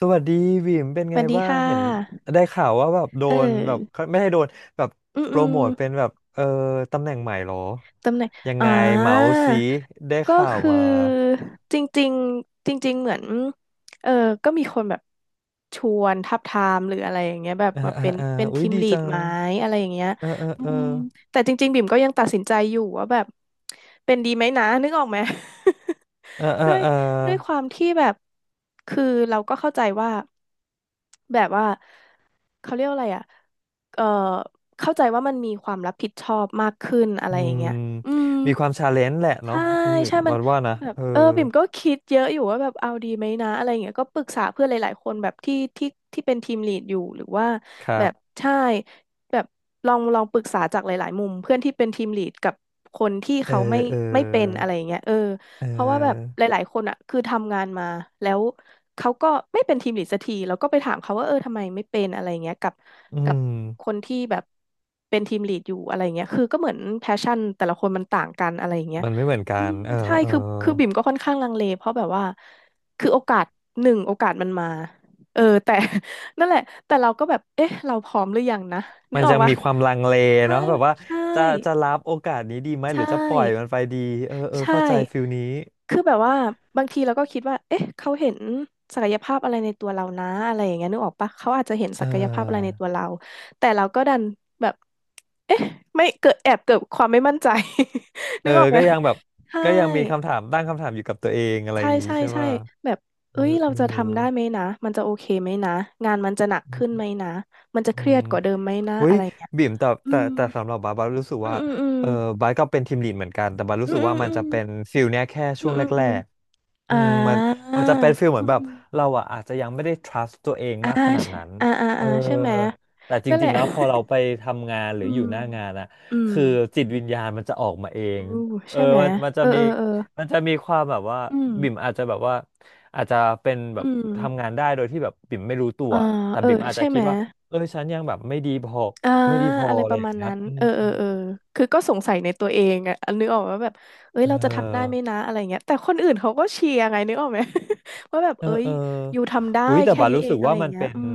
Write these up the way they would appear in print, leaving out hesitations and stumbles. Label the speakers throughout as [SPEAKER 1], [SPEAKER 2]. [SPEAKER 1] สวัสดีวิมเป็น
[SPEAKER 2] ส
[SPEAKER 1] ไง
[SPEAKER 2] วัสดี
[SPEAKER 1] บ้าง
[SPEAKER 2] ค่ะ
[SPEAKER 1] เห็นได้ข่าวว่าแบบโด
[SPEAKER 2] เออ
[SPEAKER 1] นแบบไม่ใช้โดนแบบ
[SPEAKER 2] อืม
[SPEAKER 1] โป
[SPEAKER 2] อื
[SPEAKER 1] ร
[SPEAKER 2] ม
[SPEAKER 1] โมทเป็นแบบตำแหน่งใหม่เหรอ
[SPEAKER 2] ตำแหน่ง
[SPEAKER 1] ยัง
[SPEAKER 2] อ่า
[SPEAKER 1] ไงเมาส์ซีได้
[SPEAKER 2] ก็
[SPEAKER 1] ข่าว
[SPEAKER 2] คื
[SPEAKER 1] มา
[SPEAKER 2] อจริงๆจริงๆเหมือนเออก็มีคนแบบชวนทับทามหรืออะไรอย่างเงี้ยแบบ
[SPEAKER 1] เออ
[SPEAKER 2] มา
[SPEAKER 1] เออ
[SPEAKER 2] เป็น
[SPEAKER 1] เออ
[SPEAKER 2] เป็น
[SPEAKER 1] อุ้
[SPEAKER 2] ที
[SPEAKER 1] ย
[SPEAKER 2] ม
[SPEAKER 1] ดี
[SPEAKER 2] ลี
[SPEAKER 1] จั
[SPEAKER 2] ด
[SPEAKER 1] ง
[SPEAKER 2] ไหมอะไรอย่างเงี้ย
[SPEAKER 1] เออเออ
[SPEAKER 2] อื
[SPEAKER 1] เออ
[SPEAKER 2] มแต่จริงๆบิ่มก็ยังตัดสินใจอยู่ว่าแบบเป็นดีไหมนะนึกออกไหม
[SPEAKER 1] เออเอ อ
[SPEAKER 2] ด้วย
[SPEAKER 1] เออ
[SPEAKER 2] ด้วยความที่แบบคือเราก็เข้าใจว่าแบบว่าเขาเรียกว่าอะไรอ่ะเอ่อเข้าใจว่ามันมีความรับผิดชอบมากขึ้นอะไร
[SPEAKER 1] อื
[SPEAKER 2] อย่าง
[SPEAKER 1] ม
[SPEAKER 2] เงี้ย อืม
[SPEAKER 1] มีความชาเลนจ์แหละเนาะ
[SPEAKER 2] ใช่
[SPEAKER 1] คุณวิม
[SPEAKER 2] ใช่มัน
[SPEAKER 1] วันว่านะ
[SPEAKER 2] แบบ
[SPEAKER 1] เออ
[SPEAKER 2] เออบิ่มก็คิดเยอะอยู่ว่าแบบเอาดีไหมนะอะไรอย่างเงี้ยก็ปรึกษาเพื่อนหลายๆคนแบบที่เป็นทีมลีดอยู่หรือว่า
[SPEAKER 1] ครั
[SPEAKER 2] แบบ
[SPEAKER 1] บ
[SPEAKER 2] ใช่แบบลองปรึกษาจากหลายๆมุมเพื่อนที่เป็นทีมลีดกับคนที่
[SPEAKER 1] เออ
[SPEAKER 2] เขาไม่
[SPEAKER 1] เออ
[SPEAKER 2] ไม่เป็นอะไรอย่างเงี้ยเออ
[SPEAKER 1] เ
[SPEAKER 2] เพราะว่าแบบ
[SPEAKER 1] ออ
[SPEAKER 2] หลายๆคนอ่ะคือทำงานมาแล้วเขาก็ไม่เป็นทีมลีดสักทีแล้วก็ไปถามเขาว่าเออทำไมไม่เป็นอะไรอย่างเงี้ยกับ
[SPEAKER 1] อื
[SPEAKER 2] กับ
[SPEAKER 1] ม
[SPEAKER 2] คนที่แบบเป็นทีมลีดอยู่อะไรอย่างเงี้ยคือก็เหมือนแพชชั่นแต่ละคนมันต่างกันอะไรอย่างเงี้ย
[SPEAKER 1] มันไม่เหมือนกั
[SPEAKER 2] อื
[SPEAKER 1] น
[SPEAKER 2] ม
[SPEAKER 1] เออ
[SPEAKER 2] ใช่
[SPEAKER 1] เออ
[SPEAKER 2] คือบิ่มก็ค่อนข้างลังเลเพราะแบบว่าคือโอกาสหนึ่งโอกาสมันมาเออแต่ นั่นแหละแต่เราก็แบบเอ๊ะเราพร้อมหรือยังนะนึ
[SPEAKER 1] มั
[SPEAKER 2] ก
[SPEAKER 1] น
[SPEAKER 2] ออ
[SPEAKER 1] ยั
[SPEAKER 2] ก
[SPEAKER 1] ง
[SPEAKER 2] ปะ
[SPEAKER 1] มีความลังเล
[SPEAKER 2] ใช่
[SPEAKER 1] เนาะแบบว่า
[SPEAKER 2] ใช่
[SPEAKER 1] จะรับโอกาสนี้ดีไหมหรื
[SPEAKER 2] ใช่
[SPEAKER 1] อจะปล่อยมันไปดีเออเออ
[SPEAKER 2] ใช่
[SPEAKER 1] เข้าใจฟิลนี้
[SPEAKER 2] คือแบบว่าบางทีเราก็คิดว่าเอ๊ะเขาเห็นศักยภาพอะไรในตัวเรานะอะไรอย่างเงี้ยนึกออกปะเขาอาจจะเห็น
[SPEAKER 1] เ
[SPEAKER 2] ศักยภาพอะไรใน
[SPEAKER 1] ออ
[SPEAKER 2] ตัวเราแต่เราก็ดันแบบเอ๊ะไม่เกิดแอบเกิดความไม่มั่นใจ
[SPEAKER 1] เอ
[SPEAKER 2] นึ
[SPEAKER 1] อ
[SPEAKER 2] กออกไหม
[SPEAKER 1] ก็ยังแบบ
[SPEAKER 2] ใช่
[SPEAKER 1] ก็ยังมีคำถามตั้งคำถามอยู่กับตัวเองอะไรอ
[SPEAKER 2] ใช่
[SPEAKER 1] ย่างงี้
[SPEAKER 2] ใช่
[SPEAKER 1] ใช่ไหม
[SPEAKER 2] ใช่แบบ
[SPEAKER 1] เอ
[SPEAKER 2] เอ้
[SPEAKER 1] อ
[SPEAKER 2] ยเรา
[SPEAKER 1] เอ
[SPEAKER 2] จะทำได้ไหมนะมันจะโอเคไหมนะงานมันจะหนักขึ้น
[SPEAKER 1] อ
[SPEAKER 2] ไหมนะมันจะ
[SPEAKER 1] อื
[SPEAKER 2] เครีย
[SPEAKER 1] ม
[SPEAKER 2] ดกว่าเดิมไหมนะ
[SPEAKER 1] อุ้
[SPEAKER 2] อะ
[SPEAKER 1] ย
[SPEAKER 2] ไรเงี้ย
[SPEAKER 1] บิ่มแต่
[SPEAKER 2] อื
[SPEAKER 1] แต่
[SPEAKER 2] ม
[SPEAKER 1] แต่สำหรับบาสรู้สึก
[SPEAKER 2] อืม
[SPEAKER 1] ว่า
[SPEAKER 2] อืม
[SPEAKER 1] เออบาสก็เป็นทีมลีดเหมือนกันแต่บาสรู้
[SPEAKER 2] อื
[SPEAKER 1] สึก
[SPEAKER 2] ม
[SPEAKER 1] ว่ามัน
[SPEAKER 2] อื
[SPEAKER 1] จะ
[SPEAKER 2] ม
[SPEAKER 1] เป็นฟิลเนี้ยแค่
[SPEAKER 2] อื
[SPEAKER 1] ช่
[SPEAKER 2] ม
[SPEAKER 1] วง
[SPEAKER 2] อื
[SPEAKER 1] แร
[SPEAKER 2] มอืมอืม
[SPEAKER 1] กๆอื
[SPEAKER 2] อ่า
[SPEAKER 1] มมันจะเป็นฟิลเห
[SPEAKER 2] อื
[SPEAKER 1] มือน
[SPEAKER 2] ม
[SPEAKER 1] แบบ
[SPEAKER 2] อืม
[SPEAKER 1] เราอ่ะอาจจะยังไม่ได้ trust ตัวเอง
[SPEAKER 2] อ่า
[SPEAKER 1] มากขนาดนั้นเออ
[SPEAKER 2] อ่าใช่ไหม
[SPEAKER 1] แต่จ
[SPEAKER 2] นั่นแห
[SPEAKER 1] ริง
[SPEAKER 2] ละ
[SPEAKER 1] ๆแล้วพอเราไปทำงานห รื
[SPEAKER 2] อื
[SPEAKER 1] ออยู่
[SPEAKER 2] ม
[SPEAKER 1] หน้างานอะ
[SPEAKER 2] อืม
[SPEAKER 1] คือจิตวิญญาณมันจะออกมาเอง
[SPEAKER 2] อู้
[SPEAKER 1] เออ
[SPEAKER 2] ใช่ไหม
[SPEAKER 1] มัน
[SPEAKER 2] เอ
[SPEAKER 1] จะ
[SPEAKER 2] อ
[SPEAKER 1] มี
[SPEAKER 2] เออเออ
[SPEAKER 1] มันจะมีความแบบว่า
[SPEAKER 2] อื
[SPEAKER 1] บิ่ม
[SPEAKER 2] ม
[SPEAKER 1] อาจจะแบบว่าอาจจะเป็นแบบ
[SPEAKER 2] อืม
[SPEAKER 1] ทำงานได้โดยที่แบบบิ่มไม่รู้ตัว
[SPEAKER 2] อ่า
[SPEAKER 1] แต่
[SPEAKER 2] เออ
[SPEAKER 1] บิ่มอาจจะ
[SPEAKER 2] ใช่ไห
[SPEAKER 1] คิ
[SPEAKER 2] ม
[SPEAKER 1] ดว่า เออฉันยังแบบไม่ดีพอ
[SPEAKER 2] อ่า
[SPEAKER 1] ไม่ดีพอ
[SPEAKER 2] อะไร
[SPEAKER 1] อะ
[SPEAKER 2] ป
[SPEAKER 1] ไร
[SPEAKER 2] ระ
[SPEAKER 1] อย่า
[SPEAKER 2] มา
[SPEAKER 1] ง
[SPEAKER 2] ณ
[SPEAKER 1] เงี้ย
[SPEAKER 2] นั้น
[SPEAKER 1] อื
[SPEAKER 2] เอ
[SPEAKER 1] ม
[SPEAKER 2] อเออเออคือก็สงสัยในตัวเองอะนึกออกว่าแบบเอ้ย
[SPEAKER 1] เ
[SPEAKER 2] เราจะทำได้ไหม
[SPEAKER 1] ออ
[SPEAKER 2] นะอะไรเงี้ยแต่คนอื่นเขาก็เชียร์ไงนึกออกไหม ว่าแบบ
[SPEAKER 1] เออ
[SPEAKER 2] เอ้ย
[SPEAKER 1] เออ
[SPEAKER 2] อยู่ทำได้
[SPEAKER 1] หุยแต่
[SPEAKER 2] แค่
[SPEAKER 1] บัด
[SPEAKER 2] นี้
[SPEAKER 1] รู้
[SPEAKER 2] เอ
[SPEAKER 1] สึ
[SPEAKER 2] ง
[SPEAKER 1] ก
[SPEAKER 2] อะไร
[SPEAKER 1] ว่า
[SPEAKER 2] อย่า
[SPEAKER 1] มั
[SPEAKER 2] ง
[SPEAKER 1] น
[SPEAKER 2] เงี้ย
[SPEAKER 1] เป็น
[SPEAKER 2] อืม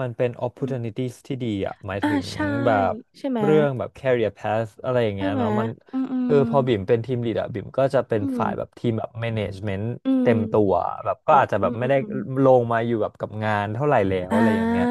[SPEAKER 1] มันเป็น
[SPEAKER 2] อืม
[SPEAKER 1] opportunities ที่ดีอ่ะหมาย
[SPEAKER 2] อ่า
[SPEAKER 1] ถึง
[SPEAKER 2] ใช่
[SPEAKER 1] แบบ
[SPEAKER 2] ใช่ไหม
[SPEAKER 1] เรื่องแบบ career path อะไรอย่าง
[SPEAKER 2] ใช่
[SPEAKER 1] เงี้ย
[SPEAKER 2] ไหม
[SPEAKER 1] เนาะมัน
[SPEAKER 2] อืมอื
[SPEAKER 1] เออ
[SPEAKER 2] ม
[SPEAKER 1] พอบิ่มเป็นทีม lead อ่ะบิ่มก็จะเป็น
[SPEAKER 2] อื
[SPEAKER 1] ฝ่ายแบบทีมแบบ management
[SPEAKER 2] มอืม
[SPEAKER 1] เต็มตัวแบบก็
[SPEAKER 2] อ๋อ
[SPEAKER 1] อาจจะ
[SPEAKER 2] อื
[SPEAKER 1] แบบ
[SPEAKER 2] ม
[SPEAKER 1] ไม่
[SPEAKER 2] อืม
[SPEAKER 1] ได้
[SPEAKER 2] อืม
[SPEAKER 1] ลงมาอยู่แบบกับงานเท่าไหร่แล้ว
[SPEAKER 2] อ่
[SPEAKER 1] อะไรอย่างเงี้ย
[SPEAKER 2] า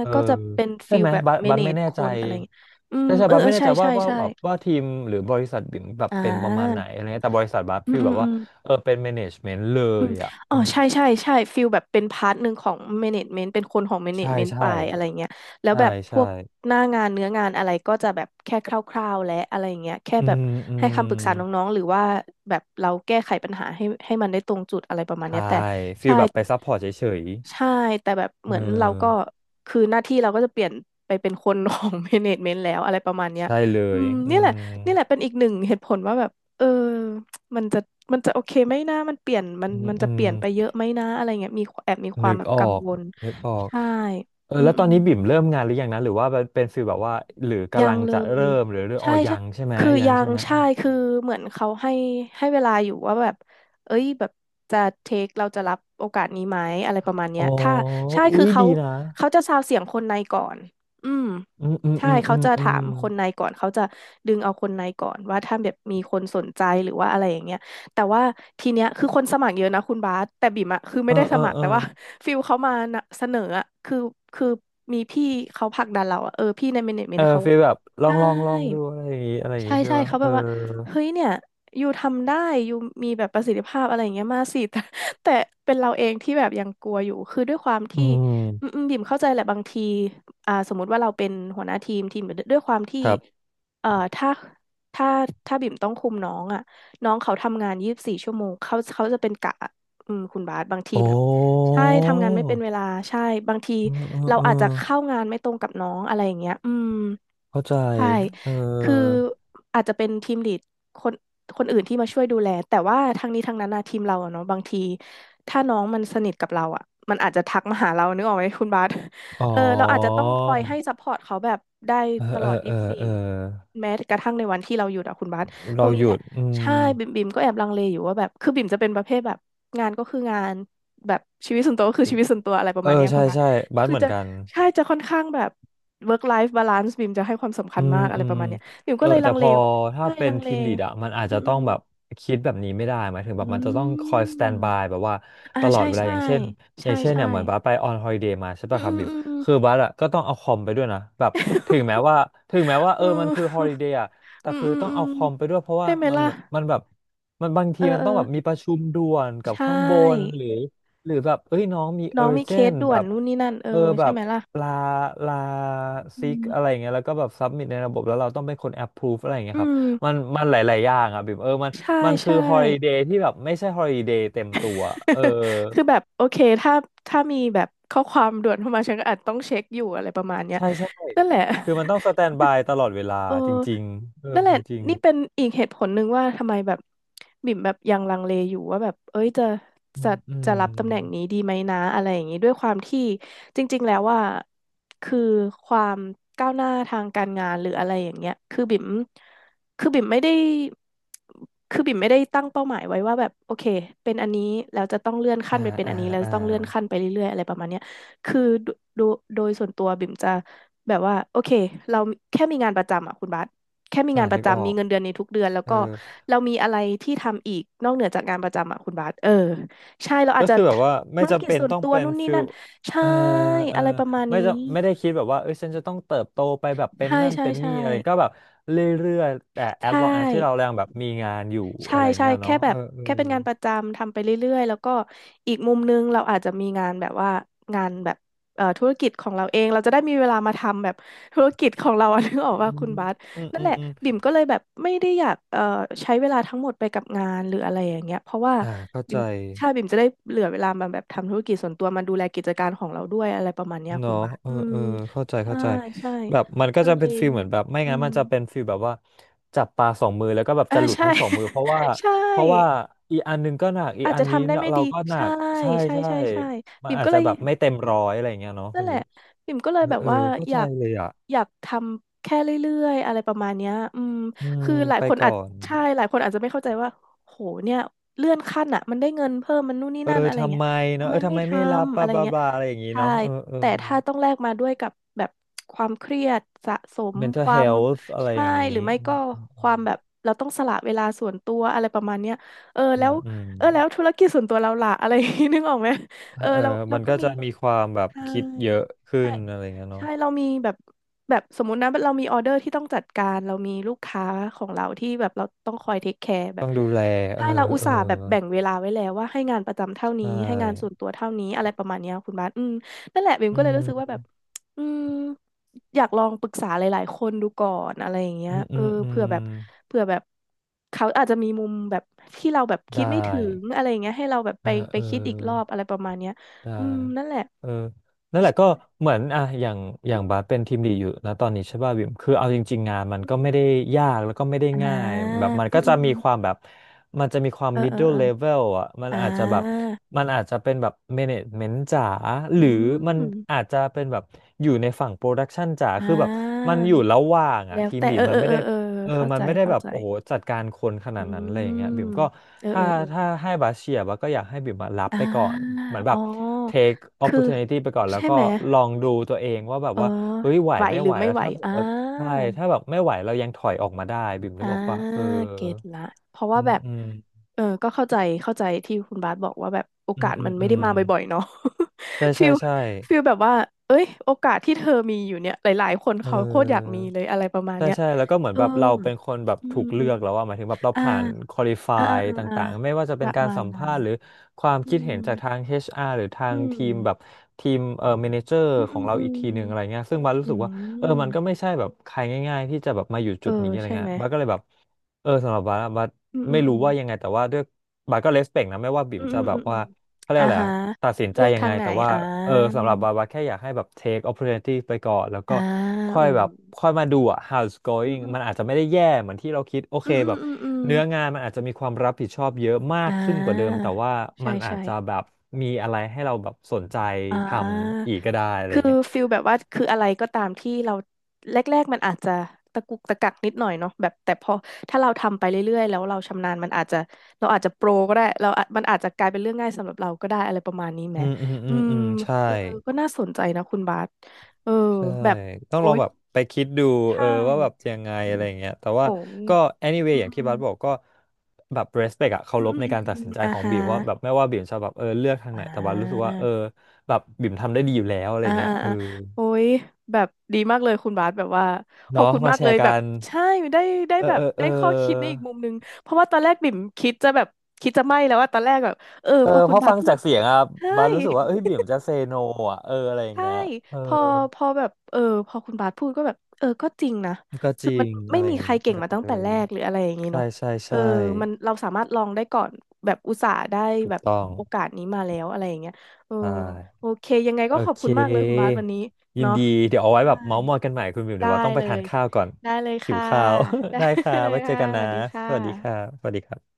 [SPEAKER 1] เออ
[SPEAKER 2] ก็จะเป็น
[SPEAKER 1] ใช่
[SPEAKER 2] ฟิล
[SPEAKER 1] ไหม
[SPEAKER 2] แบบ
[SPEAKER 1] บัสไม่
[SPEAKER 2] manage
[SPEAKER 1] แน่
[SPEAKER 2] ค
[SPEAKER 1] ใจ
[SPEAKER 2] นอะไรเงี้ยอืม
[SPEAKER 1] ใช่ใช่
[SPEAKER 2] เออ
[SPEAKER 1] บัส
[SPEAKER 2] เออ
[SPEAKER 1] ไม่แน่
[SPEAKER 2] ใช่
[SPEAKER 1] ใจว่า
[SPEAKER 2] ใช่
[SPEAKER 1] ว่า
[SPEAKER 2] ใช่
[SPEAKER 1] แบบว่าทีมหรือบริษัทบิ่มแบบ
[SPEAKER 2] อ่
[SPEAKER 1] เป็นประมาณไหน
[SPEAKER 2] า
[SPEAKER 1] อะไรเงี้ยแต่บริษัทบัส
[SPEAKER 2] อืม
[SPEAKER 1] ฟีล
[SPEAKER 2] อื
[SPEAKER 1] แบ
[SPEAKER 2] ม
[SPEAKER 1] บ
[SPEAKER 2] อื
[SPEAKER 1] ว่า
[SPEAKER 2] ม
[SPEAKER 1] เออเป็น management เล
[SPEAKER 2] อื
[SPEAKER 1] ย
[SPEAKER 2] ม
[SPEAKER 1] อ่ะเอ
[SPEAKER 2] อ๋อ
[SPEAKER 1] อ
[SPEAKER 2] ใช่ใช่ใช่ฟิลแบบเป็นพาร์ทหนึ่งของเมเนจเมนต์เป็นคนของเมเน
[SPEAKER 1] ใช่
[SPEAKER 2] จเมนต์
[SPEAKER 1] ใช่
[SPEAKER 2] ไปอะไรเงี้ยแล้ว
[SPEAKER 1] ใช่
[SPEAKER 2] แบบพ
[SPEAKER 1] ใช่
[SPEAKER 2] วกหน้างานเนื้องานอะไรก็จะแบบแค่คร่าวๆและอะไรเงี้ยแค่
[SPEAKER 1] อื
[SPEAKER 2] แบบ
[SPEAKER 1] มอื
[SPEAKER 2] ให้
[SPEAKER 1] ม
[SPEAKER 2] คำปรึกษาน้องๆหรือว่าแบบเราแก้ไขปัญหาให้มันได้ตรงจุดอะไรประมาณ
[SPEAKER 1] ใช่
[SPEAKER 2] เนี้ยแต่
[SPEAKER 1] ฟี
[SPEAKER 2] ใช่
[SPEAKER 1] ลแบบไปซัพพอร์ตเฉย
[SPEAKER 2] ใช่แต่แบบเห
[SPEAKER 1] ๆ
[SPEAKER 2] มื
[SPEAKER 1] เอ
[SPEAKER 2] อ
[SPEAKER 1] อ
[SPEAKER 2] นเราก็คือหน้าที่เราก็จะเปลี่ยนไปเป็นคน ของ เมเนจเมนต์แล้วอะไรประมาณเนี้ย
[SPEAKER 1] ใช่เล
[SPEAKER 2] อื
[SPEAKER 1] ย
[SPEAKER 2] ม
[SPEAKER 1] อื
[SPEAKER 2] นี่แหละ
[SPEAKER 1] ม
[SPEAKER 2] นี่แหละเป็นอีกหนึ่งเหตุผลว่าแบบเออมันจะมันจะโอเคไหมนะมันเปลี่ยนมัน
[SPEAKER 1] อืม
[SPEAKER 2] มัน
[SPEAKER 1] อื
[SPEAKER 2] จะเป
[SPEAKER 1] ม
[SPEAKER 2] ลี่ยนไปเยอะไหมนะอะไรเงี้ยมีแอบมีควา
[SPEAKER 1] นึ
[SPEAKER 2] ม
[SPEAKER 1] ก
[SPEAKER 2] แบบ
[SPEAKER 1] ออ
[SPEAKER 2] กัง
[SPEAKER 1] ก
[SPEAKER 2] วล
[SPEAKER 1] นึกออก
[SPEAKER 2] ใช่
[SPEAKER 1] เออ
[SPEAKER 2] อืม
[SPEAKER 1] แล้วต
[SPEAKER 2] อื
[SPEAKER 1] อน
[SPEAKER 2] ม
[SPEAKER 1] นี้บิ่มเริ่มงานหรือยังนะหรือว่าเป็นฟีลแบบว่าหรือ
[SPEAKER 2] ยั
[SPEAKER 1] กำลั
[SPEAKER 2] ง
[SPEAKER 1] ง
[SPEAKER 2] เล
[SPEAKER 1] จะเริ่
[SPEAKER 2] ย
[SPEAKER 1] มหรือหรืออ๋
[SPEAKER 2] ใช่
[SPEAKER 1] อยั
[SPEAKER 2] ใช่
[SPEAKER 1] งใช่ไหม
[SPEAKER 2] คือ
[SPEAKER 1] ยัง
[SPEAKER 2] ยั
[SPEAKER 1] ใช่
[SPEAKER 2] ง
[SPEAKER 1] ไหม
[SPEAKER 2] ใช่คือเหมือนเขาให้เวลาอยู่ว่าแบบเอ้ยแบบจะเทคเราจะรับโอกาสนี้ไหมอะไรประมาณเนี้
[SPEAKER 1] อ๋
[SPEAKER 2] ย
[SPEAKER 1] อ
[SPEAKER 2] ถ้าใช่คื
[SPEAKER 1] อุ้
[SPEAKER 2] อ
[SPEAKER 1] ย
[SPEAKER 2] เขา
[SPEAKER 1] ดีนะ
[SPEAKER 2] เขาจะซาวเสียงคนในก่อนอืม
[SPEAKER 1] อืมอืม
[SPEAKER 2] ใช่
[SPEAKER 1] อืมอื
[SPEAKER 2] เขา
[SPEAKER 1] ม
[SPEAKER 2] จะ
[SPEAKER 1] อื
[SPEAKER 2] ถา
[SPEAKER 1] ม
[SPEAKER 2] มคนในก่อนเขาจะดึงเอาคนในก่อนว่าถ้าแบบมีคนสนใจหรือว่าอะไรอย่างเงี้ยแต่ว่าทีเนี้ยคือคนสมัครเยอะนะคุณบาสแต่บิ่มอะคือ
[SPEAKER 1] เอ
[SPEAKER 2] ไม่
[SPEAKER 1] อ
[SPEAKER 2] ได้ส
[SPEAKER 1] เออ
[SPEAKER 2] มัคร
[SPEAKER 1] เออ
[SPEAKER 2] แต่ว่า ฟิลเขามานะเสนออะคือคือมีพี่เขาผลักดันเราอะเออพี่ในเมเนจเม
[SPEAKER 1] เอ
[SPEAKER 2] น
[SPEAKER 1] อ
[SPEAKER 2] ต์เขา
[SPEAKER 1] ฟีลแบบล
[SPEAKER 2] ใช
[SPEAKER 1] องลองลองดู
[SPEAKER 2] ่
[SPEAKER 1] อะไรอย่างงี้อะไรอย่าง
[SPEAKER 2] ใช่
[SPEAKER 1] งี้ใช่
[SPEAKER 2] ใช่
[SPEAKER 1] ปหะ
[SPEAKER 2] เขา
[SPEAKER 1] เอ
[SPEAKER 2] แบ
[SPEAKER 1] อ
[SPEAKER 2] บว่า เฮ้ยเนี่ยอยู่ทำได้ยูมีแบบประสิทธิภาพอะไรอย่างเงี้ยมา สิแต่แต่เป็นเราเองที่แบบยังกลัวอยู่คือด้วยความ
[SPEAKER 1] อื
[SPEAKER 2] ที่อืม
[SPEAKER 1] ม
[SPEAKER 2] อืมบิ่มเข้าใจแหละบางทีสมมุติว่าเราเป็นหัวหน้าทีมด้วยความที่
[SPEAKER 1] ครับ
[SPEAKER 2] เอ่อถ้าถ้าถ้าบิ่มต้องคุมน้องอ่ะน้องเขาทำงาน24 ชั่วโมงเขาจะเป็นกะอืมคุณบาสบางที
[SPEAKER 1] โอ้
[SPEAKER 2] แบบใช่ทำงานไม่เป็นเวลา ใช่บางที
[SPEAKER 1] เออเออ
[SPEAKER 2] เรา
[SPEAKER 1] เออ
[SPEAKER 2] อาจจะเข้างานไม่ตรงกับน้องอะไรอย่างเงี้ยอืม
[SPEAKER 1] เข้าใจ
[SPEAKER 2] ใช่
[SPEAKER 1] เออ
[SPEAKER 2] คืออาจจะเป็นทีมลีดคนคนอื่นที่มาช่วยดูแลแต่ว่าทั้งนี้ทั้งนั้นนะทีมเราอะเนาะบางทีถ้าน้องมันสนิทกับเราอะมันอาจจะทักมาหาเรานึกออกไหมคุณบาส
[SPEAKER 1] อ๋อ
[SPEAKER 2] เออเราอาจจะต้องคอยให้ซัพพอร์ตเขาแบบได้
[SPEAKER 1] เออ
[SPEAKER 2] ต
[SPEAKER 1] เอ
[SPEAKER 2] ลอ
[SPEAKER 1] อ
[SPEAKER 2] ด
[SPEAKER 1] เอ
[SPEAKER 2] ยี่
[SPEAKER 1] อ
[SPEAKER 2] สิบสี่
[SPEAKER 1] เออ
[SPEAKER 2] แม้กระทั่งในวันที่เราหยุดอะคุณบาสตร
[SPEAKER 1] เรา
[SPEAKER 2] งนี้
[SPEAKER 1] ห
[SPEAKER 2] แห
[SPEAKER 1] ยุ
[SPEAKER 2] ละ
[SPEAKER 1] ดอื
[SPEAKER 2] ใช่
[SPEAKER 1] ม
[SPEAKER 2] บิ่มก็แอบลังเลอยู่ว่าแบบคือบิ่มจะเป็นประเภทแบบงานก็คืองานแบบชีวิตส่วนตัวก็คือชีวิตส่วนตัวอะไรประ
[SPEAKER 1] เออ
[SPEAKER 2] มาณเนี้ย
[SPEAKER 1] ใช่
[SPEAKER 2] คุณบาส
[SPEAKER 1] ใช่บัส
[SPEAKER 2] คือ
[SPEAKER 1] เหมือ
[SPEAKER 2] จะ
[SPEAKER 1] นกัน
[SPEAKER 2] ใช่จะค่อนข้างแบบ work life balance บิ่มจะให้ความสำคั
[SPEAKER 1] อื
[SPEAKER 2] ญ
[SPEAKER 1] ม
[SPEAKER 2] มากอะ
[SPEAKER 1] อื
[SPEAKER 2] ไรป
[SPEAKER 1] ม
[SPEAKER 2] ระมาณเนี้ย ปิ่ม
[SPEAKER 1] เอ
[SPEAKER 2] ก็
[SPEAKER 1] อ
[SPEAKER 2] เลยลั
[SPEAKER 1] แต่
[SPEAKER 2] ง
[SPEAKER 1] พ
[SPEAKER 2] เล
[SPEAKER 1] อถ้า
[SPEAKER 2] ใช่
[SPEAKER 1] เป็
[SPEAKER 2] ลั
[SPEAKER 1] น
[SPEAKER 2] งเล
[SPEAKER 1] ทีมลีดอะมันอาจ
[SPEAKER 2] อื
[SPEAKER 1] จะ
[SPEAKER 2] ม
[SPEAKER 1] ต้องแบบคิดแบบนี้ไม่ได้หมายถึงแบ
[SPEAKER 2] อื
[SPEAKER 1] บมันจะต้อง
[SPEAKER 2] มอื
[SPEAKER 1] คอยสแต
[SPEAKER 2] ม
[SPEAKER 1] นบายแบบว่า
[SPEAKER 2] อ่า
[SPEAKER 1] ตลอด
[SPEAKER 2] ใช่
[SPEAKER 1] เวลา
[SPEAKER 2] ใช่
[SPEAKER 1] อย่างเช่นอย่า
[SPEAKER 2] ใช่
[SPEAKER 1] งเช่น
[SPEAKER 2] ใช่
[SPEAKER 1] เนี่ยเหมือนบัสไปออนฮอ i ิเดย์มาใช่
[SPEAKER 2] อื
[SPEAKER 1] ป่ะ
[SPEAKER 2] ม
[SPEAKER 1] ครั
[SPEAKER 2] อื
[SPEAKER 1] บ
[SPEAKER 2] ม
[SPEAKER 1] บิ๊ม
[SPEAKER 2] อื
[SPEAKER 1] คือ
[SPEAKER 2] ม
[SPEAKER 1] บัสอะก็ต้องเอาคอมไปด้วยนะแบบถึงแม้ว่าถึงแม้ว่าเออมันคือฮอ l i เดย์อะแต่
[SPEAKER 2] อืม
[SPEAKER 1] คือ
[SPEAKER 2] อืม
[SPEAKER 1] ต้อง
[SPEAKER 2] อืม
[SPEAKER 1] เอาค
[SPEAKER 2] อืม
[SPEAKER 1] อมไปด้วยเพราะ
[SPEAKER 2] ใช่
[SPEAKER 1] ว่า
[SPEAKER 2] ไหม
[SPEAKER 1] มัน
[SPEAKER 2] ล่ะ
[SPEAKER 1] เหมือนมันแบบมันบางที
[SPEAKER 2] เออ
[SPEAKER 1] มัน
[SPEAKER 2] เออ
[SPEAKER 1] ต้องแบบมีประชุมด่วนกับ
[SPEAKER 2] ใช่
[SPEAKER 1] ข้างบนหรือแบบเอ้ยน้องมี
[SPEAKER 2] น้
[SPEAKER 1] เอ
[SPEAKER 2] อ
[SPEAKER 1] อ
[SPEAKER 2] ง
[SPEAKER 1] ร์
[SPEAKER 2] มี
[SPEAKER 1] เจ
[SPEAKER 2] เคส
[SPEAKER 1] น
[SPEAKER 2] ด่
[SPEAKER 1] แบ
[SPEAKER 2] วน
[SPEAKER 1] บ
[SPEAKER 2] นู่นนี่นั่นเออ
[SPEAKER 1] เออแบ
[SPEAKER 2] ใช่
[SPEAKER 1] บ
[SPEAKER 2] ไหมล่ะ
[SPEAKER 1] ลาลา
[SPEAKER 2] อื
[SPEAKER 1] ซิกอะไร
[SPEAKER 2] ม
[SPEAKER 1] อย่างเงี้ยแล้วก็แบบซับมิ t ในระบบแล้วเราต้องเป็นคน approve อะไรอย่างเงี้ย
[SPEAKER 2] อื
[SPEAKER 1] ครับ
[SPEAKER 2] ม
[SPEAKER 1] มันหลายๆอย่างอ่ะบิมเออมัน
[SPEAKER 2] ใช่
[SPEAKER 1] มันคือ
[SPEAKER 2] ใช่
[SPEAKER 1] holiday ที่แบบไม่ใช่ holiday เต็มตัวเออ
[SPEAKER 2] คือแบบโอเคถ้ามีแบบข้อความด่วนเข้ามาฉันก็อาจต้องเช็คอยู่อะไรประมาณเนี้ย
[SPEAKER 1] ใช่ใช่
[SPEAKER 2] นั่นแหละ
[SPEAKER 1] คือมันต้องสแต นบายตลอดเวลา
[SPEAKER 2] เออ
[SPEAKER 1] จริงๆเออ
[SPEAKER 2] นั่นแห
[SPEAKER 1] จ
[SPEAKER 2] ละ
[SPEAKER 1] ริง
[SPEAKER 2] นี่เป็นอีกเหตุผลหนึ่งว่าทำไมแบบบิ่มแบบยังลังเลอยู่ว่าแบบเอ้ย
[SPEAKER 1] ๆอื
[SPEAKER 2] จะ
[SPEAKER 1] มอื
[SPEAKER 2] จะ
[SPEAKER 1] ม
[SPEAKER 2] รับตำแหน่งนี้ดีไหมนะอะไรอย่างนี้ด้วยความที่จริงๆแล้วว่าคือความก้าวหน้าทางการงานหรืออะไรอย่างเงี้ยคือบิ่มคือบิ่มไม่ได้คือบิ่มไม่ได้ตั้งเป้าหมายไว้ว่าแบบโอเคเป็นอันนี้แล้วจะต้องเลื่อนขั้
[SPEAKER 1] อ่า
[SPEAKER 2] นไปเป็น
[SPEAKER 1] อ่า
[SPEAKER 2] อันนี้แล้ว
[SPEAKER 1] อ่า
[SPEAKER 2] จะต้องเลื่อนขั้นไปเรื่อยๆอะไรประมาณเนี้ยคือโดโดยส่วนตัวบิ่มจะ แบบว่าโอเคเราแค่มีงานประจำอ่ะคุณบาสแค่มี
[SPEAKER 1] อ่า
[SPEAKER 2] งานป
[SPEAKER 1] นึ
[SPEAKER 2] ระ
[SPEAKER 1] กออ
[SPEAKER 2] จำมี
[SPEAKER 1] ก
[SPEAKER 2] เงินเดือนในทุกเดือนแล้ว
[SPEAKER 1] เออ
[SPEAKER 2] ก็เรามีอะไรที่ทำอีกนอกเหนือจากงานประจำอ่ะคุณบาสเออใช่เราอา
[SPEAKER 1] ก็
[SPEAKER 2] จจะ
[SPEAKER 1] คือแบบว่าไม่
[SPEAKER 2] ธุร
[SPEAKER 1] จำ
[SPEAKER 2] กิจ
[SPEAKER 1] เป็น
[SPEAKER 2] ส่วน
[SPEAKER 1] ต้อง
[SPEAKER 2] ตัว
[SPEAKER 1] เป็น
[SPEAKER 2] นู่นนี่
[SPEAKER 1] ฟิล
[SPEAKER 2] นั่นใช่
[SPEAKER 1] เออเออ
[SPEAKER 2] อะไรประมาณ
[SPEAKER 1] ไม่
[SPEAKER 2] นี้
[SPEAKER 1] จะไม่ได้คิดแบบว่าเอ้ยฉันจะต้องเติบโตไปแบบเป็น
[SPEAKER 2] ใช่
[SPEAKER 1] นั่น
[SPEAKER 2] ใช่
[SPEAKER 1] เป็น
[SPEAKER 2] ใช่
[SPEAKER 1] นี่อะไรก็แบบเรื่อยๆแต่ as
[SPEAKER 2] ใช่
[SPEAKER 1] long as ที่เรายังแบบมีงานอยู่
[SPEAKER 2] ใช่
[SPEAKER 1] อะไร
[SPEAKER 2] ใช่
[SPEAKER 1] เงี้ย
[SPEAKER 2] แค่
[SPEAKER 1] เนาะ
[SPEAKER 2] แบ
[SPEAKER 1] เอ
[SPEAKER 2] บ
[SPEAKER 1] อเออ
[SPEAKER 2] แค่เป็นงานประจำทำไปเรื่อยๆแล้วก็อีกมุมนึงเราอาจจะมีงานแบบว่างานแบบธุรกิจของเราเองเราจะได้มีเวลามาทำแบบธุรกิจของเราอะ นึกออ
[SPEAKER 1] อื
[SPEAKER 2] ก
[SPEAKER 1] ม
[SPEAKER 2] ว่าคุณบาส
[SPEAKER 1] อืม
[SPEAKER 2] นั่น
[SPEAKER 1] อื
[SPEAKER 2] แห
[SPEAKER 1] ม
[SPEAKER 2] ละ
[SPEAKER 1] อืม
[SPEAKER 2] บิ่มก็เลยแบบไม่ได้อยากใช้เวลาทั้งหมดไปกับงานหรืออะไรอย่างเงี้ยเพราะว่า
[SPEAKER 1] อ่าเข้า
[SPEAKER 2] บิ่
[SPEAKER 1] ใจ
[SPEAKER 2] มใช่บิ่มจะได้เหลือเวลามาแบบทำธุรกิจส่วนตัวมาดูแลกิจการของเราด้วยอะไรประมาณเนี้ยคุ
[SPEAKER 1] เนาะ
[SPEAKER 2] ณบาส
[SPEAKER 1] เออ
[SPEAKER 2] อืม
[SPEAKER 1] เออเข้าใจ
[SPEAKER 2] ใช่
[SPEAKER 1] เข้าใจ
[SPEAKER 2] ใช่
[SPEAKER 1] แบบมันก็
[SPEAKER 2] ลัง
[SPEAKER 1] จะ
[SPEAKER 2] เล
[SPEAKER 1] เป็นฟี
[SPEAKER 2] อ
[SPEAKER 1] ล
[SPEAKER 2] ยู่
[SPEAKER 1] เหมือนแบบไม่
[SPEAKER 2] อื
[SPEAKER 1] งั้น
[SPEAKER 2] ม
[SPEAKER 1] มันจะเป็นฟีลแบบว่าจับปลาสองมือแล้วก็แบบ
[SPEAKER 2] อ่า
[SPEAKER 1] จะหลุด
[SPEAKER 2] ใช่
[SPEAKER 1] ทั้งสองมือเพราะว่า
[SPEAKER 2] ใช่
[SPEAKER 1] เพราะว่าอีกอันหนึงก็หนักอีก
[SPEAKER 2] อาจ
[SPEAKER 1] อัน
[SPEAKER 2] จะ
[SPEAKER 1] นี้
[SPEAKER 2] ทำได้ไม่
[SPEAKER 1] เรา
[SPEAKER 2] ดี
[SPEAKER 1] ก็หนั
[SPEAKER 2] ใช่
[SPEAKER 1] กใช่
[SPEAKER 2] ใช่
[SPEAKER 1] ใช่
[SPEAKER 2] ใช่ใช่
[SPEAKER 1] มัน
[SPEAKER 2] บิ่ม
[SPEAKER 1] อาจ
[SPEAKER 2] ก็
[SPEAKER 1] จะ
[SPEAKER 2] เลย
[SPEAKER 1] แบบไม่เต็ม
[SPEAKER 2] อื
[SPEAKER 1] ร้
[SPEAKER 2] ม
[SPEAKER 1] อยอะไรอย่างเงี้ยเนาะ
[SPEAKER 2] นั่
[SPEAKER 1] คุ
[SPEAKER 2] น
[SPEAKER 1] ณ
[SPEAKER 2] แหละ
[SPEAKER 1] บิ๊ก
[SPEAKER 2] ปิ่มก็เล
[SPEAKER 1] เอ
[SPEAKER 2] ย
[SPEAKER 1] อ
[SPEAKER 2] แบบ
[SPEAKER 1] เออ
[SPEAKER 2] ว่า
[SPEAKER 1] เข้า
[SPEAKER 2] อ
[SPEAKER 1] ใจ
[SPEAKER 2] ยาก
[SPEAKER 1] เลยอ่ะ
[SPEAKER 2] อยากทำแค่เรื่อยๆอะไรประมาณเนี้ยอืม
[SPEAKER 1] อืม
[SPEAKER 2] คือหลาย
[SPEAKER 1] ไป
[SPEAKER 2] คน
[SPEAKER 1] ก่
[SPEAKER 2] อา
[SPEAKER 1] อ
[SPEAKER 2] จ
[SPEAKER 1] น
[SPEAKER 2] ใช่หลายคนอาจจะไม่เข้าใจว่าโหเนี่ยเลื่อนขั้นอ่ะมันได้เงินเพิ่มมันนู่นนี่
[SPEAKER 1] เออ
[SPEAKER 2] นั่นอะไร
[SPEAKER 1] ทำ
[SPEAKER 2] เงี้ย
[SPEAKER 1] ไมเนาะ
[SPEAKER 2] ทำไม
[SPEAKER 1] เออทำ
[SPEAKER 2] ไม่
[SPEAKER 1] ไม
[SPEAKER 2] ท
[SPEAKER 1] ไม่รับ
[SPEAKER 2] ำ
[SPEAKER 1] บ
[SPEAKER 2] อะ
[SPEAKER 1] ลา
[SPEAKER 2] ไร
[SPEAKER 1] บลา
[SPEAKER 2] เงี้
[SPEAKER 1] บ
[SPEAKER 2] ย
[SPEAKER 1] ลาอะไรอย่างงี้
[SPEAKER 2] ใช่
[SPEAKER 1] เนาะเออเออ
[SPEAKER 2] แต่ถ้าต้องแลกมาด้วยกับแบบความเครียดสะสมค
[SPEAKER 1] mental
[SPEAKER 2] วาม
[SPEAKER 1] health อะไรอ
[SPEAKER 2] ใช่
[SPEAKER 1] ย่าง
[SPEAKER 2] หรื
[SPEAKER 1] งี้
[SPEAKER 2] อไม่ก็ความแบบเราต้องสละเวลาส่วนตัวอะไรประมาณเนี้ยเออ
[SPEAKER 1] อื
[SPEAKER 2] แล้
[SPEAKER 1] ม
[SPEAKER 2] ว
[SPEAKER 1] อืมอื
[SPEAKER 2] เอ
[SPEAKER 1] ม
[SPEAKER 2] อแล้วธุรกิจส่วนตัวเราล่ะอะไรอย่างงี้นึกออกไหม
[SPEAKER 1] เอ
[SPEAKER 2] เออ
[SPEAKER 1] อ
[SPEAKER 2] เรา
[SPEAKER 1] มัน
[SPEAKER 2] ก็
[SPEAKER 1] ก็
[SPEAKER 2] มี
[SPEAKER 1] จะมีความแบบ
[SPEAKER 2] ใช่
[SPEAKER 1] คิดเยอะขึ้
[SPEAKER 2] ใช่
[SPEAKER 1] นอะไรเงี้ย
[SPEAKER 2] ใช่
[SPEAKER 1] เนาะ
[SPEAKER 2] เรามีแบบแบบสมมุตินะเรามีออเดอร์ที่ต้องจัดการเรามีลูกค้าของเราที่แบบเราต้องคอยเทคแคร์แบ
[SPEAKER 1] ต้
[SPEAKER 2] บ
[SPEAKER 1] องดูแล เอ
[SPEAKER 2] ใช่
[SPEAKER 1] อ
[SPEAKER 2] เราอุต
[SPEAKER 1] เออ
[SPEAKER 2] ส่าห์แบบแบ่งเวลาไว้แล้วว่าให้งานประจำเท่า
[SPEAKER 1] ใช
[SPEAKER 2] นี้ให้งานส่วน
[SPEAKER 1] ่
[SPEAKER 2] ตัวเท่านี้อะไรประมาณเนี้ยคุณบาสอืมนั่นแหละเบม
[SPEAKER 1] อื
[SPEAKER 2] ก็เลยรู้
[SPEAKER 1] ม
[SPEAKER 2] สึกว่าแบบอืมอยากลองปรึกษาหลายๆคนดูก่อนอะไรอย่างเงี้ย
[SPEAKER 1] อืม อื
[SPEAKER 2] เออ
[SPEAKER 1] มอื
[SPEAKER 2] เผื่
[SPEAKER 1] ม
[SPEAKER 2] อแบบเผื่อแบบเขาอาจจะมีมุมแบบที่เราแบบคิด
[SPEAKER 1] ได้
[SPEAKER 2] ไม่ถึงอะไรอย่างเงี้ยให้เราแบบ
[SPEAKER 1] เออ
[SPEAKER 2] ไป
[SPEAKER 1] เออ
[SPEAKER 2] คิดอีกรอบอะไรประมาณเนี้ย
[SPEAKER 1] ได้
[SPEAKER 2] อืมนั่นแหละ
[SPEAKER 1] เออนั่นแหละก็เหมือนอ่ะอย่างบาสเป็นทีมลีดอยู่นะตอนนี้ใช่ป่ะวิมคือเอาจริงๆงานมันก็ไม่ได้ยากแล้วก็ไม่ได้
[SPEAKER 2] อ่า
[SPEAKER 1] ง่ายแบบมัน
[SPEAKER 2] อื
[SPEAKER 1] ก็
[SPEAKER 2] มอื
[SPEAKER 1] จะ
[SPEAKER 2] มอื
[SPEAKER 1] มี
[SPEAKER 2] ม
[SPEAKER 1] ความแบบมันจะมีความ
[SPEAKER 2] เออเออ
[SPEAKER 1] middle
[SPEAKER 2] เออ
[SPEAKER 1] level อ่ะมัน
[SPEAKER 2] อ่
[SPEAKER 1] อาจจะแบบ
[SPEAKER 2] า
[SPEAKER 1] มันอาจจะเป็นแบบ management จ๋าห
[SPEAKER 2] อื
[SPEAKER 1] รือมัน
[SPEAKER 2] ม
[SPEAKER 1] อาจจะเป็นแบบอยู่ในฝั่ง production จ๋า
[SPEAKER 2] อ่
[SPEAKER 1] คือแบบ
[SPEAKER 2] า
[SPEAKER 1] มันอยู่ระหว่างอ่ะ
[SPEAKER 2] แล้ว
[SPEAKER 1] ทีม
[SPEAKER 2] แต่
[SPEAKER 1] ลี
[SPEAKER 2] เอ
[SPEAKER 1] ด
[SPEAKER 2] อ
[SPEAKER 1] มั
[SPEAKER 2] เอ
[SPEAKER 1] น
[SPEAKER 2] อ
[SPEAKER 1] ไม่
[SPEAKER 2] เอ
[SPEAKER 1] ได้
[SPEAKER 2] อเออ
[SPEAKER 1] เออ
[SPEAKER 2] เข้า
[SPEAKER 1] มัน
[SPEAKER 2] ใจ
[SPEAKER 1] ไม่ได้
[SPEAKER 2] เข้า
[SPEAKER 1] แบบ
[SPEAKER 2] ใจ
[SPEAKER 1] โอ้โหจัดการคนขนา
[SPEAKER 2] อื
[SPEAKER 1] ดนั้นอะไรอย่างเงี้ยบิ่ม
[SPEAKER 2] ม
[SPEAKER 1] ก็
[SPEAKER 2] เออเอ
[SPEAKER 1] ถ้า
[SPEAKER 2] อเออ
[SPEAKER 1] ถ้าให้บาสเชียร์บาสก็อยากให้บิ่มมารับ
[SPEAKER 2] อ่า
[SPEAKER 1] ไปก่อนเหมือนแบ
[SPEAKER 2] อ๋อ
[SPEAKER 1] บ take
[SPEAKER 2] คือ
[SPEAKER 1] opportunity ไปก่อนแล้ว
[SPEAKER 2] ใช่
[SPEAKER 1] ก็
[SPEAKER 2] ไหม
[SPEAKER 1] ลองดูตัวเองว่าแบบ
[SPEAKER 2] เออ
[SPEAKER 1] ว่าเฮ้ยไหว
[SPEAKER 2] ไหว
[SPEAKER 1] ไม่
[SPEAKER 2] หรื
[SPEAKER 1] ไห
[SPEAKER 2] อ
[SPEAKER 1] ว
[SPEAKER 2] ไม่
[SPEAKER 1] แล้ว
[SPEAKER 2] ไหว
[SPEAKER 1] ถ้าสม
[SPEAKER 2] อ่า
[SPEAKER 1] มติใช่ถ้าแบบไม่ไหวเรายังถอยออกมาได้บิ่มนึ
[SPEAKER 2] อ่า
[SPEAKER 1] กออกปะเออ
[SPEAKER 2] เก็ตละเพราะ
[SPEAKER 1] อื
[SPEAKER 2] ว่า
[SPEAKER 1] ม
[SPEAKER 2] แบบ
[SPEAKER 1] อืม
[SPEAKER 2] เออก็เข้าใจเข้าใจที่คุณบาสบอกว่าแบบโอ
[SPEAKER 1] อื
[SPEAKER 2] กา
[SPEAKER 1] ม
[SPEAKER 2] ส
[SPEAKER 1] อื
[SPEAKER 2] มั
[SPEAKER 1] ม
[SPEAKER 2] นไม่
[SPEAKER 1] อื
[SPEAKER 2] ได้
[SPEAKER 1] ม
[SPEAKER 2] มาบ่อยๆเนาะ
[SPEAKER 1] ใช่
[SPEAKER 2] ฟิ
[SPEAKER 1] ใช่
[SPEAKER 2] ล
[SPEAKER 1] ใช่
[SPEAKER 2] แบบว่าเอ้ยโอกาสที่เธอมีอยู่เนี่ยหลายๆคน
[SPEAKER 1] เออ
[SPEAKER 2] เขาโคตรอยากมีเลยอะไรประมาณ
[SPEAKER 1] ใช่
[SPEAKER 2] เนี้ย
[SPEAKER 1] ใช่แล้วก็เหมือน
[SPEAKER 2] เออ
[SPEAKER 1] แบบเราเป็นคนแบบ
[SPEAKER 2] อื
[SPEAKER 1] ถู
[SPEAKER 2] มอื
[SPEAKER 1] ก
[SPEAKER 2] ม
[SPEAKER 1] เลื
[SPEAKER 2] อืม
[SPEAKER 1] อกแล้วว่าหมายถึงแบบเรา
[SPEAKER 2] อ่า
[SPEAKER 1] ผ่านควอลิฟา
[SPEAKER 2] อ่าอ่า
[SPEAKER 1] ย
[SPEAKER 2] อ่าอ่า
[SPEAKER 1] ต่างๆไม่ว่าจะ
[SPEAKER 2] ป
[SPEAKER 1] เป็น
[SPEAKER 2] ระ
[SPEAKER 1] การ
[SPEAKER 2] มาณ
[SPEAKER 1] สัม
[SPEAKER 2] นั้
[SPEAKER 1] ภา
[SPEAKER 2] น
[SPEAKER 1] ษณ์หรือความ
[SPEAKER 2] อื
[SPEAKER 1] คิด
[SPEAKER 2] ม
[SPEAKER 1] เห็นจากทาง HR หรือทา
[SPEAKER 2] อื
[SPEAKER 1] ง
[SPEAKER 2] ม
[SPEAKER 1] ทีมแบบทีมเมเนเจอร์
[SPEAKER 2] อืม
[SPEAKER 1] ขอ
[SPEAKER 2] อื
[SPEAKER 1] ง
[SPEAKER 2] ม
[SPEAKER 1] เรา
[SPEAKER 2] อื
[SPEAKER 1] อีก
[SPEAKER 2] ม
[SPEAKER 1] ทีหนึ่งอะไรเงี้ยซึ่งบาสรู้
[SPEAKER 2] อื
[SPEAKER 1] สึกว่าเออมันก็ไม่
[SPEAKER 2] ม
[SPEAKER 1] ใช่แบบใครง่ายๆที่จะแบบมาอยู่
[SPEAKER 2] เอ
[SPEAKER 1] จุด
[SPEAKER 2] อ
[SPEAKER 1] นี้อะไร
[SPEAKER 2] ใช่
[SPEAKER 1] เงี้
[SPEAKER 2] ไหม
[SPEAKER 1] ยบาสก็เลยแบบเออสำหรับบาสอะบาส
[SPEAKER 2] อืมอื
[SPEAKER 1] ไม่รู้
[SPEAKER 2] ม
[SPEAKER 1] ว่ายังไงแต่ว่าด้วยบาสก็เลสเปกนะไม่ว่าบิ่
[SPEAKER 2] อื
[SPEAKER 1] ม
[SPEAKER 2] ม
[SPEAKER 1] จะแบ
[SPEAKER 2] อืมอื
[SPEAKER 1] บ
[SPEAKER 2] มอื
[SPEAKER 1] ว่า
[SPEAKER 2] ม
[SPEAKER 1] เขาเรี
[SPEAKER 2] อืม
[SPEAKER 1] ยก
[SPEAKER 2] อ่า
[SPEAKER 1] อะไร
[SPEAKER 2] ฮะ
[SPEAKER 1] อะตัดสินใจ
[SPEAKER 2] เลือก
[SPEAKER 1] ยัง
[SPEAKER 2] ทา
[SPEAKER 1] ไง
[SPEAKER 2] งไหน
[SPEAKER 1] แต่ว่า
[SPEAKER 2] อ่า
[SPEAKER 1] เออสำหรับบาบาแค่อยากให้แบบ take opportunity ไปก่อนแล้ว
[SPEAKER 2] อ่า
[SPEAKER 1] ก็ค่อ
[SPEAKER 2] เออ
[SPEAKER 1] ยแบบค่อยมาดูอะ how it's
[SPEAKER 2] อืม
[SPEAKER 1] going
[SPEAKER 2] อืม
[SPEAKER 1] มันอาจจะไม่ได้แย่เหมือนที่เราคิด โอเค
[SPEAKER 2] อืมอื
[SPEAKER 1] แบบ
[SPEAKER 2] มอืม
[SPEAKER 1] เนื้องานมันอาจจะมีความรับผิดชอบเยอะมา
[SPEAKER 2] อ่
[SPEAKER 1] กขึ้นกว่าเดิม
[SPEAKER 2] า
[SPEAKER 1] แต่ว่ามั
[SPEAKER 2] ใช่
[SPEAKER 1] นอาจ
[SPEAKER 2] ใช่
[SPEAKER 1] จะแบบมีอะไรให้เราแบบสนใจ
[SPEAKER 2] อ่
[SPEAKER 1] ท
[SPEAKER 2] า
[SPEAKER 1] ำอีกก็ได้อะไร
[SPEAKER 2] คือ
[SPEAKER 1] เงี้ย
[SPEAKER 2] ฟิลแบบว่าคืออะไรก็ตามที่เราแรกๆมันอาจจะตะกุกตะกักนิดหน่อยเนาะแบบแต่พอถ้าเราทำไปเรื่อยๆแล้วเราชำนาญมันอาจจะเราอาจจะโปรก็ได้เราอาจมันอาจจะกลายเป็นเรื่องง่ายสำหรับเราก็ได้อะไรประมาณนี้ไหม
[SPEAKER 1] อืมอืมอื
[SPEAKER 2] อื
[SPEAKER 1] ม
[SPEAKER 2] ม
[SPEAKER 1] อืมใช่
[SPEAKER 2] เออก็น่าสนใจนะคุณบาสเออ
[SPEAKER 1] ใช่
[SPEAKER 2] แบบ
[SPEAKER 1] ต้อง
[SPEAKER 2] โอ๊
[SPEAKER 1] ลอง
[SPEAKER 2] ย
[SPEAKER 1] แบบไปคิดดู
[SPEAKER 2] ใช
[SPEAKER 1] เออว่าแบบ
[SPEAKER 2] ่
[SPEAKER 1] ยังไงอะไรอย่างเงี้ยแต่
[SPEAKER 2] โ
[SPEAKER 1] ว่าก็
[SPEAKER 2] หอื
[SPEAKER 1] anyway อย่างที่บัสบอก
[SPEAKER 2] ม
[SPEAKER 1] ก็แบบ respect อะเคา
[SPEAKER 2] อื
[SPEAKER 1] ร
[SPEAKER 2] ม
[SPEAKER 1] พ
[SPEAKER 2] อืม
[SPEAKER 1] ใน
[SPEAKER 2] อืม
[SPEAKER 1] การ
[SPEAKER 2] อื
[SPEAKER 1] ตัด
[SPEAKER 2] ม
[SPEAKER 1] สินใจ
[SPEAKER 2] อ่า
[SPEAKER 1] ของ
[SPEAKER 2] ฮะ
[SPEAKER 1] บีมว่าแบบไม่ว่าบีมจะแบบเออเลือกทาง
[SPEAKER 2] อ่
[SPEAKER 1] ไหนแต่บัสรู้สึกว่าเออ
[SPEAKER 2] า
[SPEAKER 1] แบบบีมทำได้ดีอยู่แล้วอะไร
[SPEAKER 2] อ่า
[SPEAKER 1] เงี้ย
[SPEAKER 2] อ่า
[SPEAKER 1] เออ
[SPEAKER 2] อ่าโอ้ยแบบดีมากเลยคุณบาสแบบว่าขอ
[SPEAKER 1] เนาะ
[SPEAKER 2] บคุณ
[SPEAKER 1] มา
[SPEAKER 2] มาก
[SPEAKER 1] แช
[SPEAKER 2] เลย
[SPEAKER 1] ร์กั
[SPEAKER 2] แบบ
[SPEAKER 1] น
[SPEAKER 2] ใช่ได้ได้
[SPEAKER 1] เออ
[SPEAKER 2] แบบ
[SPEAKER 1] เออเอ
[SPEAKER 2] ได้
[SPEAKER 1] อ
[SPEAKER 2] ข้อคิดในอีกมุมนึงเพราะว่าตอนแรกบิ่มคิดจะแบบคิดจะไม่แล้วว่าตอนแรกแบบเออ
[SPEAKER 1] เออ
[SPEAKER 2] พอคุ
[SPEAKER 1] พ
[SPEAKER 2] ณ
[SPEAKER 1] อ
[SPEAKER 2] บา
[SPEAKER 1] ฟั
[SPEAKER 2] ส
[SPEAKER 1] ง
[SPEAKER 2] พู
[SPEAKER 1] จา
[SPEAKER 2] ด
[SPEAKER 1] กเสียงอะ
[SPEAKER 2] ใช่
[SPEAKER 1] บัสรู้สึกว่าเอ้ยบีมจะเซโนอะเอออะไรอย่าง
[SPEAKER 2] ใช่
[SPEAKER 1] เงี้ยเออ
[SPEAKER 2] พอพอแบบเออพอคุณบาสพูดก็แบบเออก็จริงนะ
[SPEAKER 1] ก็จ
[SPEAKER 2] คือ
[SPEAKER 1] ริ
[SPEAKER 2] มัน
[SPEAKER 1] ง
[SPEAKER 2] ไม่
[SPEAKER 1] อะไรอ
[SPEAKER 2] มี
[SPEAKER 1] ย่าง
[SPEAKER 2] ใค
[SPEAKER 1] เงี้
[SPEAKER 2] ร
[SPEAKER 1] ยเอ
[SPEAKER 2] เก่
[SPEAKER 1] อ
[SPEAKER 2] งมา
[SPEAKER 1] เอ
[SPEAKER 2] ตั้งแต่
[SPEAKER 1] อ
[SPEAKER 2] แรกหรืออะไรอย่างงี้
[SPEAKER 1] ใช่
[SPEAKER 2] เนาะ
[SPEAKER 1] ใช่
[SPEAKER 2] เออ
[SPEAKER 1] ใช่
[SPEAKER 2] มันเราสามารถลองได้ก่อนแบบอุตส่าห์ได้
[SPEAKER 1] ถู
[SPEAKER 2] แบ
[SPEAKER 1] ก
[SPEAKER 2] บ
[SPEAKER 1] ต้อง
[SPEAKER 2] โอกาสนี้มาแล้วอะไรอย่างเงี้ยเออ
[SPEAKER 1] ใช่
[SPEAKER 2] โอเคยังไง
[SPEAKER 1] โอ
[SPEAKER 2] ก็ขอบ
[SPEAKER 1] เค
[SPEAKER 2] คุณมากเลยคุณบาสวันนี้
[SPEAKER 1] ยิน
[SPEAKER 2] เนาะ
[SPEAKER 1] ดี เดี๋ยวเอาไว้
[SPEAKER 2] ได้
[SPEAKER 1] แบบเมาท์มอยกันใหม่คุณบิวเดี๋
[SPEAKER 2] ได้
[SPEAKER 1] ยวว่าต้องไป
[SPEAKER 2] เล
[SPEAKER 1] ทาน
[SPEAKER 2] ย
[SPEAKER 1] ข้าวก่อนหิว
[SPEAKER 2] ค่ะ
[SPEAKER 1] ข้าว
[SPEAKER 2] ได้
[SPEAKER 1] ได้ค่ะ
[SPEAKER 2] เลย
[SPEAKER 1] ไว้เจอ
[SPEAKER 2] ค่ะ
[SPEAKER 1] กัน
[SPEAKER 2] ส
[SPEAKER 1] นะ
[SPEAKER 2] วัสดีค่ะ
[SPEAKER 1] สวัสดีค่ะ สวัสดีครับ